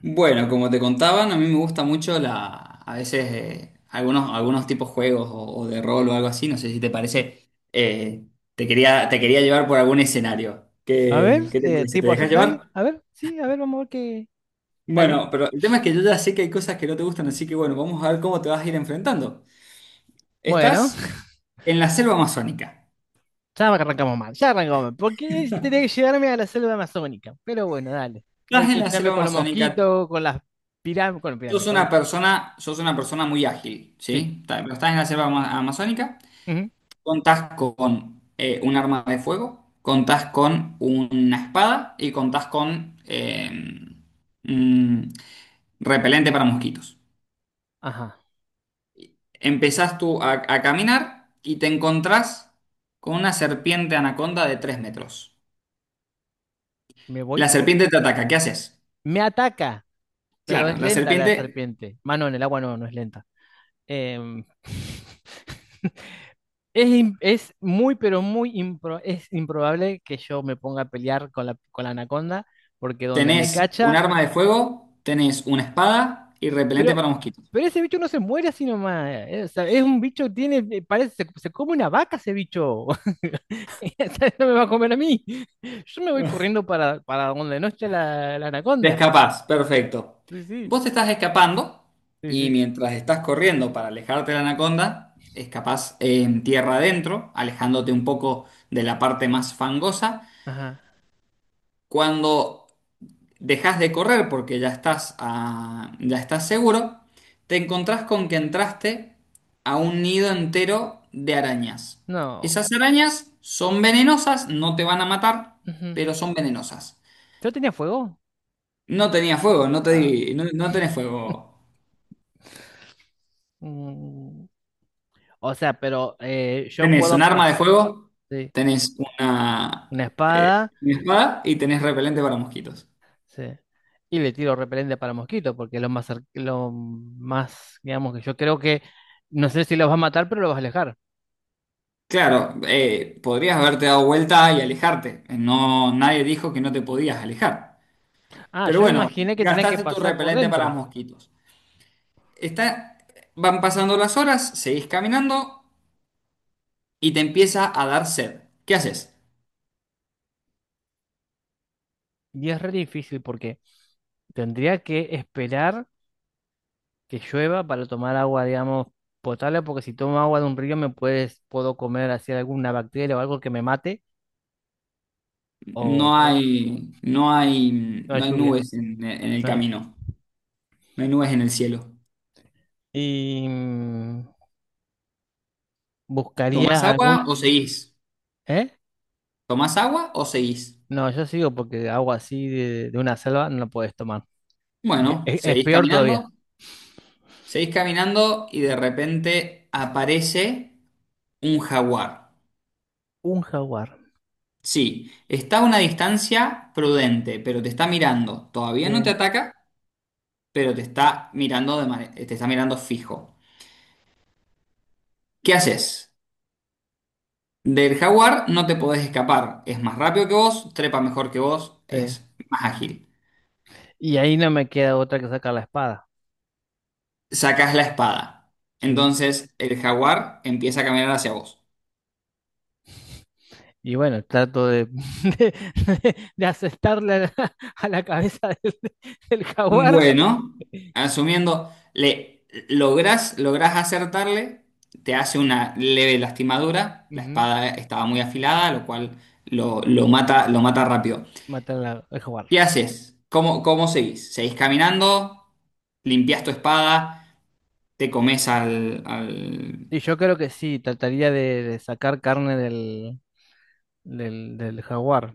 Bueno, como te contaban, a mí me gusta mucho la, a veces algunos, algunos tipos juegos o de rol o algo así, no sé si te parece. Te quería llevar por algún escenario. A ver, ¿Qué, qué te parece? ¿Te tipo así, dejas dale, llevar? a ver, sí, a ver, vamos a ver qué. Dale. Bueno, pero el tema es que yo ya sé que hay cosas que no te gustan, así que bueno, vamos a ver cómo te vas a ir enfrentando. Bueno, Estás en la selva amazónica. ya arrancamos mal, ya arrancamos mal. Porque tenía que llegarme a la selva amazónica. Pero bueno, dale. Hay Estás en que la llegarme selva con los amazónica. mosquitos, con las pirámides, con las pirámides, con las. Sos una persona muy ágil, Sí, ¿sí? Pero estás en la selva amazónica. ujú. Contás con un arma de fuego, contás con una espada y contás con mm, repelente para mosquitos. Ajá. Empezás tú a caminar y te encontrás con una serpiente anaconda de 3 metros. Me voy. La serpiente te ataca, ¿qué haces? Me ataca, pero es Claro, la lenta la serpiente, serpiente. Mano, en el agua no, no es lenta. Em, es muy, pero muy es improbable que yo me ponga a pelear con la anaconda, porque donde me tenés un cacha. arma de fuego, tenés una espada y repelente Pero, para mosquitos. pero ese bicho no se muere así nomás. O sea, es un bicho que tiene, parece, se come una vaca ese bicho. Ese no me va a comer a mí. Yo me voy corriendo para donde no esté la, la Te anaconda. escapás, perfecto. Sí, sí, Vos te estás escapando sí, y sí. mientras estás corriendo para alejarte de la anaconda, escapás en tierra adentro, alejándote un poco de la parte más fangosa. Ajá. Cuando dejas de correr porque ya estás, ah, ya estás seguro, te encontrás con que entraste a un nido entero de arañas. No, Esas arañas son venenosas, no te van a matar, ujú. pero son venenosas. ¿Yo tenía fuego? No tenía fuego, Ah, no, no tenés fuego. mm, o sea, pero yo Tenés puedo un arma de pasar fuego, tenés una eh, espada. una espada y tenés repelente para mosquitos. Sí. Y le tiro repelente para mosquitos, porque es lo más, lo más, digamos, que yo creo que, no sé si los va a matar, pero los vas a alejar. Claro, podrías haberte dado vuelta y alejarte. No, nadie dijo que no te podías alejar. Ah, Pero yo me bueno, imaginé que tenía que gastaste tu pasar por repelente para dentro. mosquitos. Está, van pasando las horas, seguís caminando y te empieza a dar sed. ¿Qué haces? Y es re difícil porque tendría que esperar que llueva para tomar agua, digamos, potable, porque si tomo agua de un río me puedes, puedo comer así alguna bacteria o algo que me mate, o, No o- hay, no hay, no hay no hay lluvia. nubes en el No hay. camino. No hay nubes en el cielo. Y mm, ¿Tomás buscaría agua alguna, o seguís? ¿eh? ¿Tomás agua o seguís? No, yo sigo porque agua así de una selva no la podés tomar. Bueno, Es peor todavía. Seguís caminando y de Sí. repente aparece un jaguar. Un jaguar. Sí, está a una distancia prudente, pero te está mirando. Todavía no te Sí. ataca, pero te está mirando te está mirando fijo. ¿Qué haces? Del jaguar no te podés escapar. Es más rápido que vos, trepa mejor que vos, Sí. es más ágil. Y ahí no me queda otra que sacar la espada. Sacás la espada. Sí. Entonces el jaguar empieza a caminar hacia vos. Y bueno, trato de, de, de acertarle a la cabeza del, del jaguar. Bueno, asumiendo, lográs acertarle, te hace una leve lastimadura, la Ujú. espada estaba muy afilada, lo cual lo mata rápido. Matar al jaguar. ¿Qué haces? ¿Cómo, cómo seguís? ¿Seguís caminando? Mm. ¿Limpias tu espada? ¿Te comes Y yo creo que sí, trataría de sacar carne del, del, del jaguar.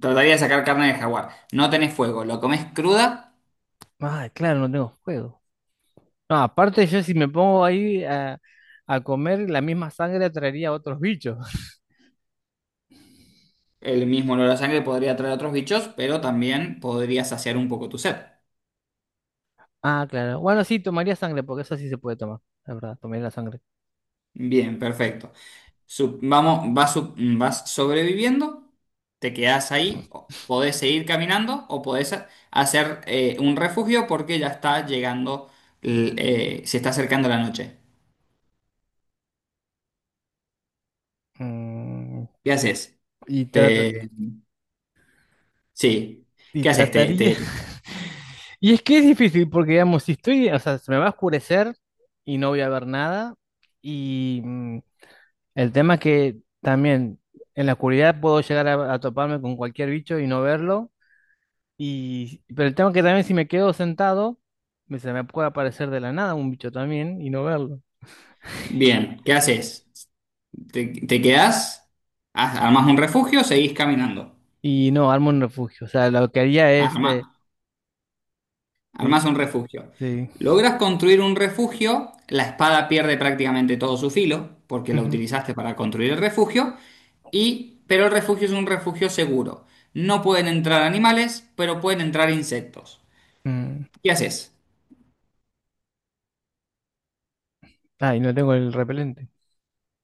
Trataría de sacar carne de jaguar. No tenés fuego, lo comes cruda, Ah, claro, no tengo fuego. No, aparte yo si me pongo ahí a comer la misma sangre atraería a otros bichos. el mismo olor a sangre podría traer otros bichos, pero también podría saciar un poco tu sed. Ah, claro. Bueno, sí, tomaría sangre, porque eso sí se puede tomar, la verdad, tomaría la sangre. Bien, perfecto. Vas sobreviviendo, te quedas ahí, podés seguir caminando o podés hacer un refugio porque ya está llegando, se está acercando la noche. Mm, ¿Qué haces? y trata- Te, sí, y ¿qué haces? Te, trataría. te- Y es que es difícil, porque digamos, si estoy, o sea, se me va a oscurecer y no voy a ver nada. Y mm, el tema es que también en la oscuridad puedo llegar a toparme con cualquier bicho y no verlo. Y, pero el tema es que también si me quedo sentado, se me puede aparecer de la nada un bicho también y no verlo. bien, ¿qué haces? ¿Te, te quedás? Armás un refugio, seguís caminando. Y no, armo un refugio. O sea, lo que haría es... sí, Armas un refugio. sí. Logras construir un refugio, la espada pierde prácticamente todo su filo, porque la Ujú, utilizaste para construir el refugio, y, pero el refugio es un refugio seguro. No pueden entrar animales, pero pueden entrar insectos. mm. ¿Qué haces? Ah, y no tengo el repelente.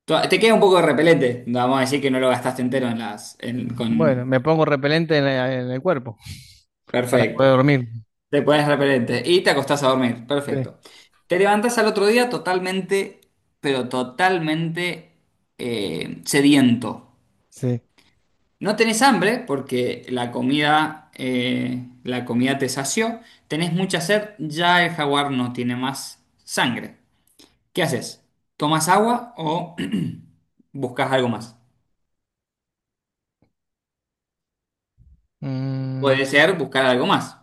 Te queda un poco de repelente. No, vamos a decir que no lo gastaste entero en las. Bueno, me pongo repelente en, en el cuerpo para poder Perfecto. dormir. Te pones repelente y te acostás a dormir. Sí, Perfecto. Te levantas al otro día totalmente, pero totalmente sediento. sí. No tenés hambre porque la comida te sació. Tenés mucha sed, ya el jaguar no tiene más sangre. ¿Qué haces? ¿Tomas agua o buscas algo más? Puede Mm, ser buscar algo más.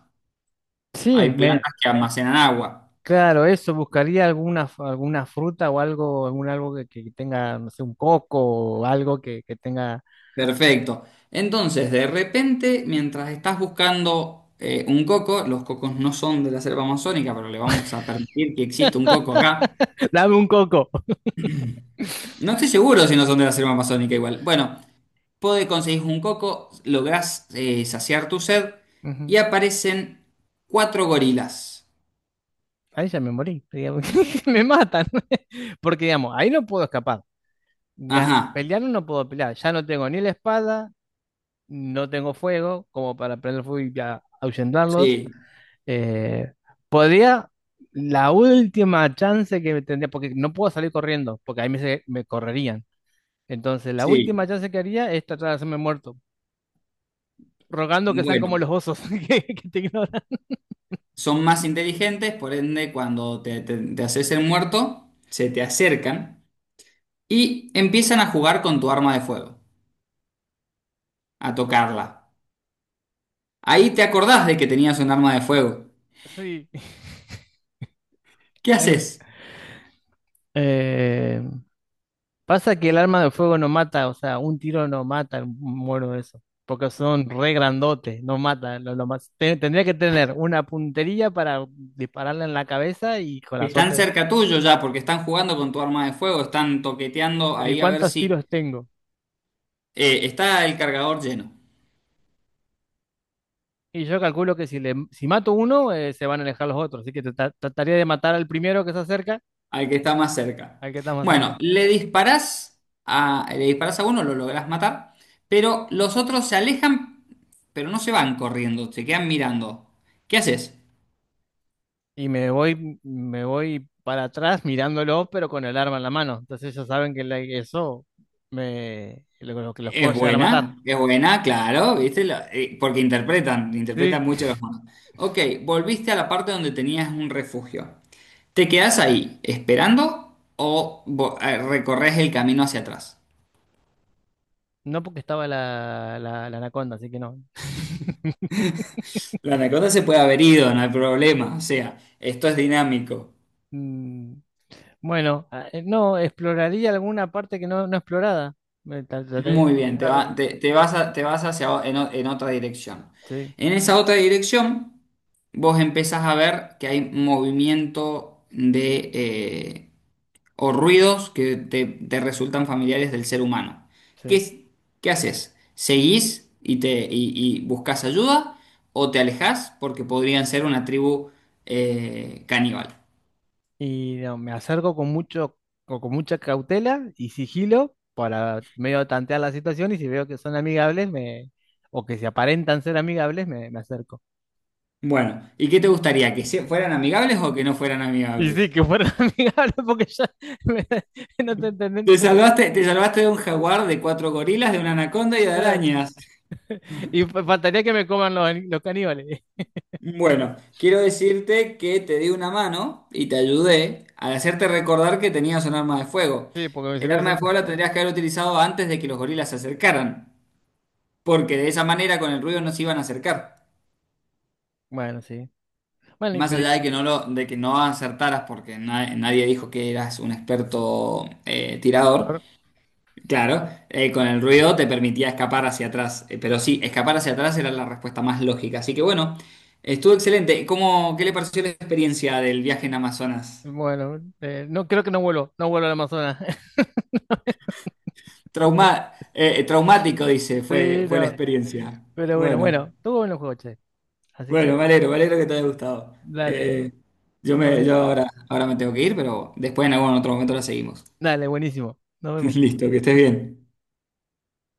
sí, Hay me... plantas que almacenan agua. Claro, eso, buscaría alguna, alguna fruta o algo, algún algo que tenga, no sé, un coco o algo que tenga... Perfecto. Entonces, de repente, mientras estás buscando un coco, los cocos no son de la selva amazónica, pero le vamos a permitir que exista un coco acá. Dame un coco. No estoy seguro si no son de la selva amazónica igual. Bueno. Puede conseguir un coco, lográs saciar tu sed Ujú. y aparecen 4 gorilas. Ahí ya me morí, digamos, me matan, porque digamos, ahí no puedo escapar. Ajá, Pelear no puedo pelear, ya no tengo ni la espada, no tengo fuego como para prender fuego y ahuyentarlos. sí, Eh, podría, la última chance que tendría, porque no puedo salir corriendo, porque ahí me, me correrían. Entonces, la sí. última chance que haría es tratar de hacerme muerto, rogando que sean como Bueno, los osos que te ignoran. son más inteligentes, por ende, cuando te haces el muerto, se te acercan y empiezan a jugar con tu arma de fuego, a tocarla. Ahí te acordás de que tenías un arma de fuego. Sí. ¿Qué Ahí- haces? Eh, pasa que el arma de fuego no mata, o sea, un tiro no mata un mono de eso, porque son re grandotes, no mata. Lo más, tendría que tener una puntería para dispararle en la cabeza y con la Están suerte. Cerca tuyo ya, porque están jugando con tu arma de fuego, están toqueteando Pero ¿y ahí a ver cuántos si tiros tengo? Está el cargador lleno. Y yo calculo que si, le, si mato uno, se van a alejar los otros, así que trataría de matar al primero que se acerca, Al que está más cerca. al que está más Bueno, cerca. Le disparás a uno, lo lográs matar, pero los otros se alejan, pero no se van corriendo, se quedan mirando. ¿Qué haces? Y me voy para atrás mirándolo, pero con el arma en la mano. Entonces ellos saben que eso me, lo que los puedo llegar a matar. Es buena, claro, ¿viste? Porque interpretan, Sí. interpretan mucho los monos. Ok, volviste a la parte donde tenías un refugio. ¿Te quedás ahí esperando o recorres el camino hacia atrás? No porque estaba la, la, la anaconda, así que no. La anaconda se puede haber ido, no hay problema. O sea, esto es dinámico. Mm, bueno, no, exploraría alguna parte que no, no explorada. Trataría de Muy bien, buscar. Te vas a- te vas hacia en otra dirección. Sí, En esa otra dirección, vos empezás a ver que hay movimiento de o ruidos que te resultan familiares del ser humano. ¿Qué, sí. es- ¿qué haces? ¿Seguís y buscas ayuda o te alejás porque podrían ser una tribu caníbal? Y no, me acerco con mucho, con mucha cautela y sigilo para medio tantear la situación y si veo que son amigables, me, o que se aparentan ser amigables, me acerco. Bueno, ¿y qué te gustaría? ¿Que fueran amigables o que no fueran Y sí, amigables? que fueran amigables porque ya me- no te entendí. No Te salvaste de un jaguar, de 4 gorilas, de una anaconda y de te- arañas. Y faltaría que me coman los, los caníbales. Bueno, quiero decirte que te di una mano y te ayudé al hacerte recordar que tenías un arma de fuego. Sí, porque si El no es... arma de fuego la tendrías que haber utilizado antes de que los gorilas se acercaran, porque de esa manera con el ruido no se iban a acercar. Bueno, sí. Bueno, Más allá Imperiador. de que no lo, de que no acertaras porque nadie dijo que eras un experto tirador. Claro, con el ruido te permitía escapar hacia atrás. Pero sí, escapar hacia atrás era la respuesta más lógica. Así que bueno, estuvo excelente. ¿Cómo, qué le pareció la experiencia del viaje en Amazonas? Bueno, no creo que no vuelo, no vuelo al Amazonas. Trauma, traumático, dice, fue, Sí, fue la no. experiencia. Pero bueno, Bueno, bueno, tuvo buenos juegos, che. Así que bueno, bueno, me alegro que te haya gustado. dale. Eh, No es... yo ahora, ahora me tengo que ir, pero después en algún otro momento la seguimos. Dale, buenísimo. Nos vemos. Listo, que estés bien.